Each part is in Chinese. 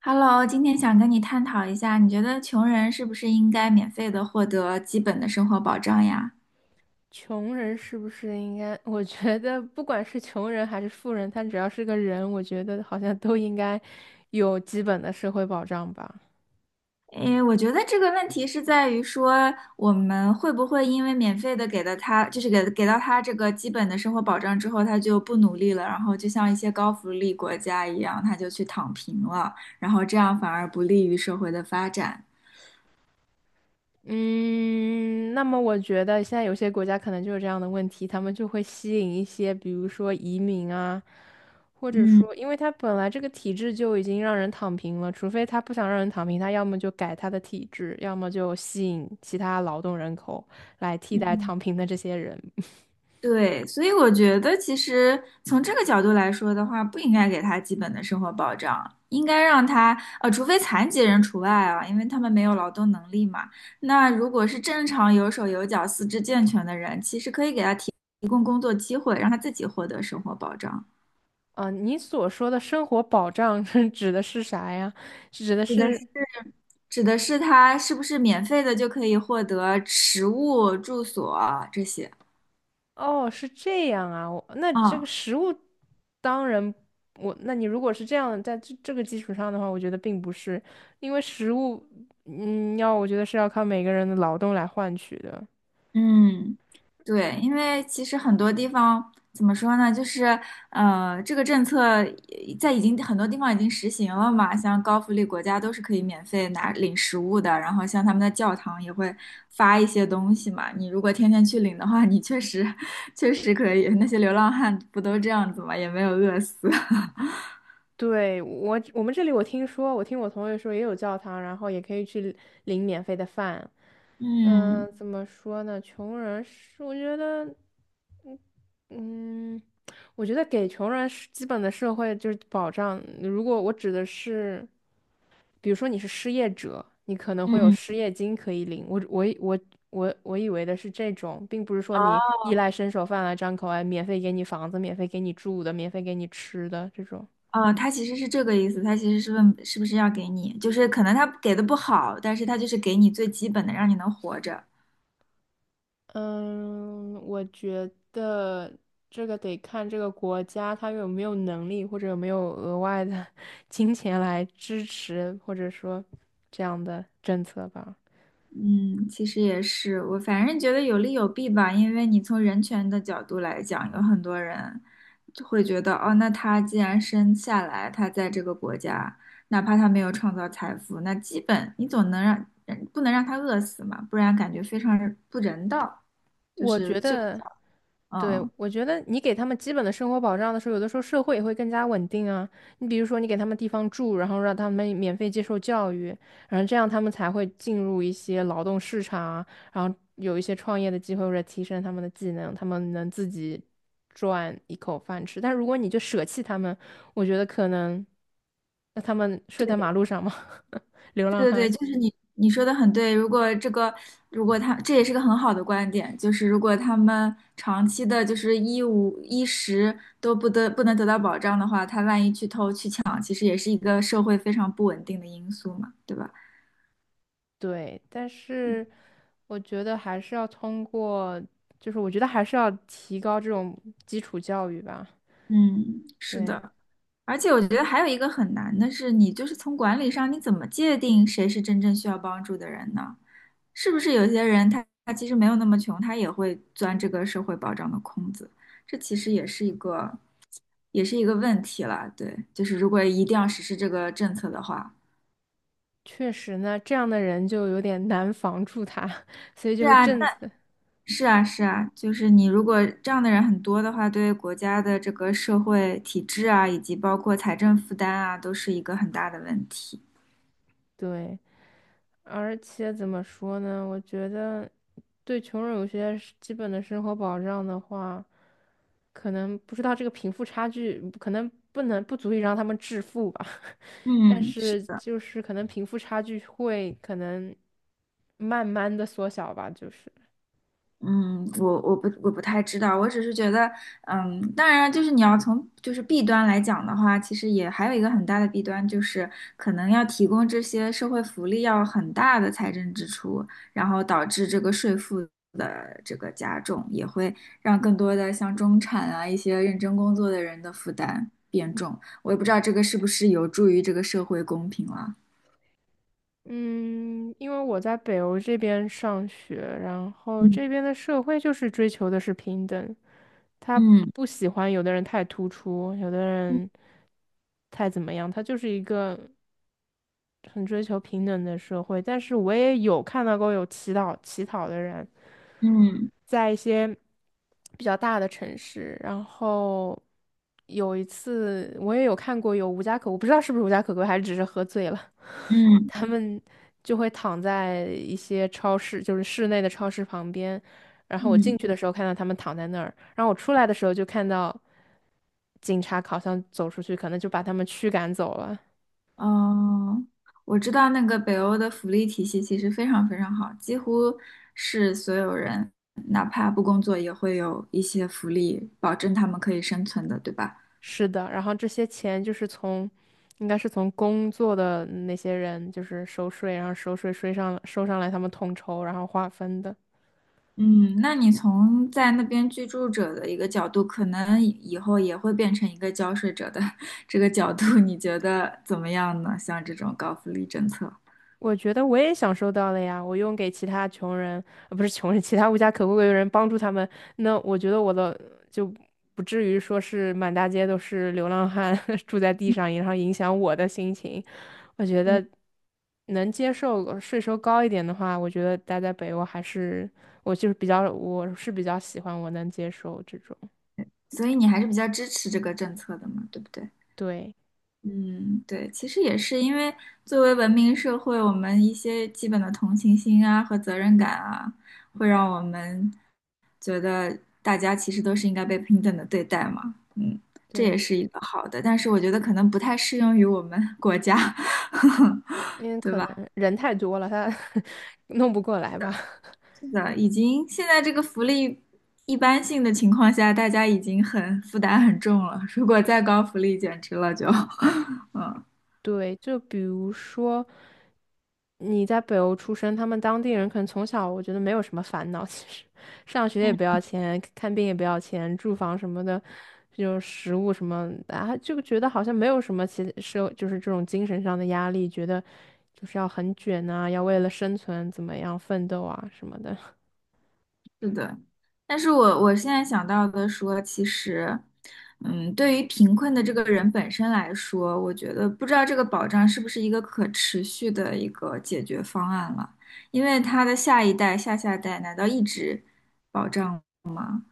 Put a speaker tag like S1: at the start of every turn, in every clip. S1: Hello，今天想跟你探讨一下，你觉得穷人是不是应该免费的获得基本的生活保障呀？
S2: 穷人是不是应该？我觉得不管是穷人还是富人，他只要是个人，我觉得好像都应该有基本的社会保障吧。
S1: 诶，我觉得这个问题是在于说，我们会不会因为免费的给了他，就是给到他这个基本的生活保障之后，他就不努力了，然后就像一些高福利国家一样，他就去躺平了，然后这样反而不利于社会的发展。
S2: 嗯，那么我觉得现在有些国家可能就有这样的问题，他们就会吸引一些，比如说移民啊，或者
S1: 嗯
S2: 说，因为他本来这个体制就已经让人躺平了，除非他不想让人躺平，他要么就改他的体制，要么就吸引其他劳动人口来替代
S1: 嗯。
S2: 躺平的这些人。
S1: 对，所以我觉得其实从这个角度来说的话，不应该给他基本的生活保障，应该让他除非残疾人除外啊，因为他们没有劳动能力嘛。那如果是正常有手有脚、四肢健全的人，其实可以给他提供工作机会，让他自己获得生活保障。
S2: 啊，你所说的生活保障 是指的是啥呀？是指的
S1: 指的是
S2: 是，
S1: 指的是他是不是免费的就可以获得食物、住所这些？
S2: 哦，是这样啊。我那这个
S1: 啊？
S2: 食物，当然我，那你如果是这样，在这个基础上的话，我觉得并不是，因为食物，要我觉得是要靠每个人的劳动来换取的。
S1: 嗯，对，因为其实很多地方怎么说呢，就是这个政策已经很多地方已经实行了嘛，像高福利国家都是可以免费拿领食物的，然后像他们的教堂也会发一些东西嘛，你如果天天去领的话，你确实 确实可以，那些流浪汉不都这样子嘛，也没有饿死。
S2: 对，我们这里我听说，我听我同学说也有教堂，然后也可以去领免费的饭。
S1: 嗯
S2: 嗯、怎么说呢？穷人是，我觉得。嗯，我觉得给穷人是基本的社会就是保障。如果我指的是，比如说你是失业者，你可能会有
S1: 嗯，
S2: 失业金可以领。我以为的是这种，并不是说你
S1: 哦。
S2: 衣来伸手饭来张口，哎，免费给你房子，免费给你住的，免费给你吃的这种。
S1: 哦，他其实是这个意思，他其实是问是不是要给你，就是可能他给的不好，但是他就是给你最基本的，让你能活着。
S2: 嗯，我觉得这个得看这个国家它有没有能力，或者有没有额外的 金钱来支持，或者说这样的政策吧。
S1: 嗯，其实也是，我反正觉得有利有弊吧，因为你从人权的角度来讲，有很多人就会觉得，哦，那他既然生下来，他在这个国家，哪怕他没有创造财富，那基本你总能让，嗯不能让他饿死嘛，不然感觉非常不人道，就
S2: 我
S1: 是
S2: 觉
S1: 这个
S2: 得。
S1: 角，
S2: 对，
S1: 嗯。
S2: 我觉得你给他们基本的生活保障的时候，有的时候社会也会更加稳定啊。你比如说，你给他们地方住，然后让他们免费接受教育，然后这样他们才会进入一些劳动市场啊，然后有一些创业的机会，或者提升他们的技能，他们能自己赚一口饭吃。但如果你就舍弃他们，我觉得可能，那他们睡在马路上吗？流浪
S1: 对对
S2: 汉。
S1: 对，就是你说的很对。如果这个，如果他这也是个很好的观点，就是如果他们长期的，就是衣物衣食都不得不能得到保障的话，他万一去偷去抢，其实也是一个社会非常不稳定的因素嘛，对吧？
S2: 对，但是我觉得还是要通过，就是我觉得还是要提高这种基础教育吧。
S1: 嗯，是
S2: 对，
S1: 的。而且我觉得还有一个很难的是，你就是从管理上，你怎么界定谁是真正需要帮助的人呢？是不是有些人他其实没有那么穷，他也会钻这个社会保障的空子？这其实也是一个，也是一个问题了。对，就是如果一定要实施这个政策的话，
S2: 确实呢，这样的人就有点难防住他，所以就
S1: 是
S2: 是
S1: 啊，那
S2: 政策。
S1: 是啊，是啊，就是你如果这样的人很多的话，对国家的这个社会体制啊，以及包括财政负担啊，都是一个很大的问题。
S2: 对，而且怎么说呢？我觉得对穷人有些是基本的生活保障的话，可能不知道这个贫富差距，可能不能不足以让他们致富吧。但
S1: 嗯，是。
S2: 是就是可能贫富差距会可能慢慢的缩小吧，就是。
S1: 嗯，我不太知道，我只是觉得，嗯，当然就是你要从就是弊端来讲的话，其实也还有一个很大的弊端，就是可能要提供这些社会福利要很大的财政支出，然后导致这个税负的这个加重，也会让更多的像中产啊一些认真工作的人的负担变重。我也不知道这个是不是有助于这个社会公平了。
S2: 嗯，因为我在北欧这边上学，然后
S1: 嗯
S2: 这边的社会就是追求的是平等，他
S1: 嗯
S2: 不喜欢有的人太突出，有的人
S1: 嗯
S2: 太怎么样，他就是一个。很追求平等的社会，但是我也有看到过有乞讨的人，
S1: 嗯
S2: 在一些比较大的城市，然后有一次我也有看过有无家可我不知道是不是无家可归，还是只是喝醉了，
S1: 嗯。
S2: 他们就会躺在一些超市，就是室内的超市旁边，然后我进
S1: 嗯。
S2: 去的时候看到他们躺在那儿，然后我出来的时候就看到警察好像走出去，可能就把他们驱赶走了。
S1: 哦，我知道那个北欧的福利体系其实非常非常好，几乎是所有人哪怕不工作也会有一些福利，保证他们可以生存的，对吧？
S2: 是的，然后这些钱就是从，应该是从工作的那些人就是收税，然后收税收上来他们统筹，然后划分的。
S1: 嗯，那你从在那边居住者的一个角度，可能以后也会变成一个交税者的 这个角度，你觉得怎么样呢？像这种高福利政策，
S2: 我觉得我也享受到了呀，我用给其他穷人，不是穷人，其他无家可归的人帮助他们，那我觉得我的就不至于说是满大街都是流浪汉 住在地上，然后影响我的心情。我觉
S1: 对。
S2: 得能接受税收高一点的话，我觉得待在北欧还是我就是比较，我是比较喜欢我能接受这种，
S1: 所以你还是比较支持这个政策的嘛，对不对？
S2: 对
S1: 嗯，对，其实也是因为作为文明社会，我们一些基本的同情心啊和责任感啊，会让我们觉得大家其实都是应该被平等的对待嘛。嗯，这也
S2: 对，
S1: 是一个好的，但是我觉得可能不太适用于我们 国家，
S2: 因为
S1: 对
S2: 可
S1: 吧？
S2: 能人太多了，他 弄不过来吧。
S1: 是的，已经现在这个福利一般性的情况下，大家已经很负担很重了，如果再高福利，简直了就，嗯。
S2: 对，就比如说你在北欧出生，他们当地人可能从小我觉得没有什么烦恼，其实上学也不要钱，看病也不要钱，住房什么的，就食物什么的，啊，就觉得好像没有什么其社就是这种精神上的压力，觉得就是要很卷啊，要为了生存怎么样奋斗啊什么的。
S1: 是的，但是我我现在想到的说，其实，嗯，对于贫困的这个人本身来说，我觉得不知道这个保障是不是一个可持续的一个解决方案了，因为他的下一代、下下代难道一直保障，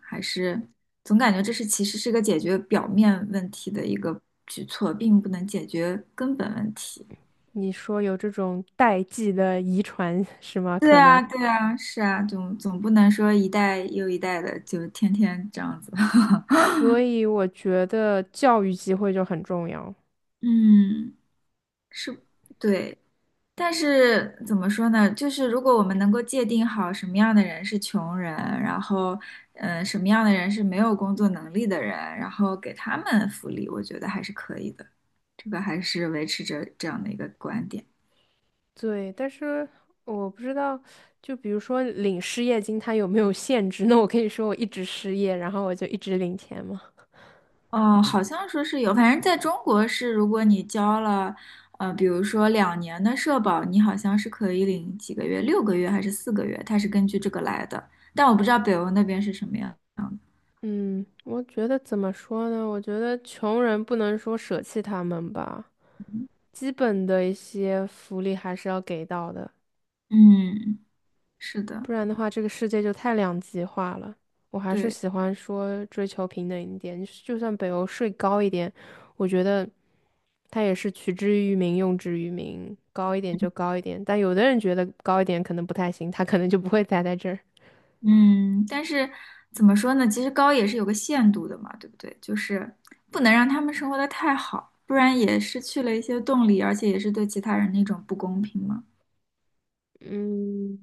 S1: 还是总感觉这是其实是个解决表面问题的一个举措，并不能解决根本问题。
S2: 你说有这种代际的遗传 是吗？
S1: 对
S2: 可能，
S1: 啊，对啊，是啊，总不能说一代又一代的就天天这样子吧
S2: 所以我觉得教育机会就很重要。
S1: 嗯。是，对，但是怎么说呢？就是如果我们能够界定好什么样的人是穷人，然后，嗯、什么样的人是没有工作能力的人，然后给他们福利，我觉得还是可以的。这个还是维持着这样的一个观点。
S2: 对，但是我不知道，就比如说领失业金，它有没有限制？那我可以说我一直失业，然后我就一直领钱吗？
S1: 哦，好像说是有，反正在中国是，如果你交了，比如说2年的社保，你好像是可以领几个月，6个月还是4个月，它是根据这个来的。但我不知道北欧那边是什么样的。
S2: 嗯，我觉得怎么说呢？我觉得穷人不能说舍弃他们吧，基本的一些福利还是要给到的，
S1: 嗯，是的，
S2: 不然的话，这个世界就太两极化了。我还是
S1: 对，
S2: 喜欢说追求平等一点，就算北欧税高一点，我觉得。他也是取之于民，用之于民，高一点就高一点。但有的人觉得高一点可能不太行，他可能就不会栽在这儿。
S1: 嗯，但是怎么说呢？其实高也是有个限度的嘛，对不对？就是不能让他们生活的太好，不然也失去了一些动力，而且也是对其他人的一种不公平嘛，
S2: 嗯，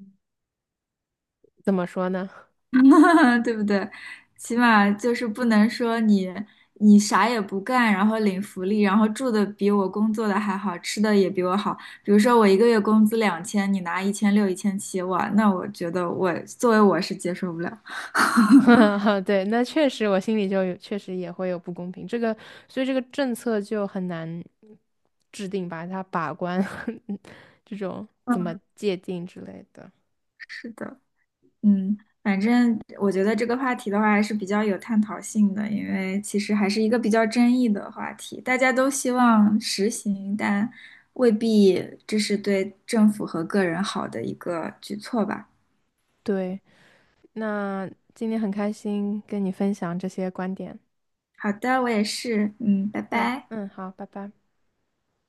S2: 怎么说呢？
S1: 对不对？起码就是不能说你啥也不干，然后领福利，然后住的比我工作的还好，吃的也比我好。比如说我一个月工资2000，你拿1600、1700，哇，那我觉得我作为我是接受不了。
S2: 对，那确实我心里就有，确实也会有不公平。这个，所以这个政策就很难制定把它把关 这种怎么
S1: 嗯，
S2: 界定之类的。
S1: 是的。嗯，反正我觉得这个话题的话还是比较有探讨性的，因为其实还是一个比较争议的话题，大家都希望实行，但未必这是对政府和个人好的一个举措吧。
S2: 对，那今天很开心跟你分享这些观点。
S1: 好的，我也是，嗯，拜
S2: 嗯
S1: 拜。
S2: 嗯，好，拜拜。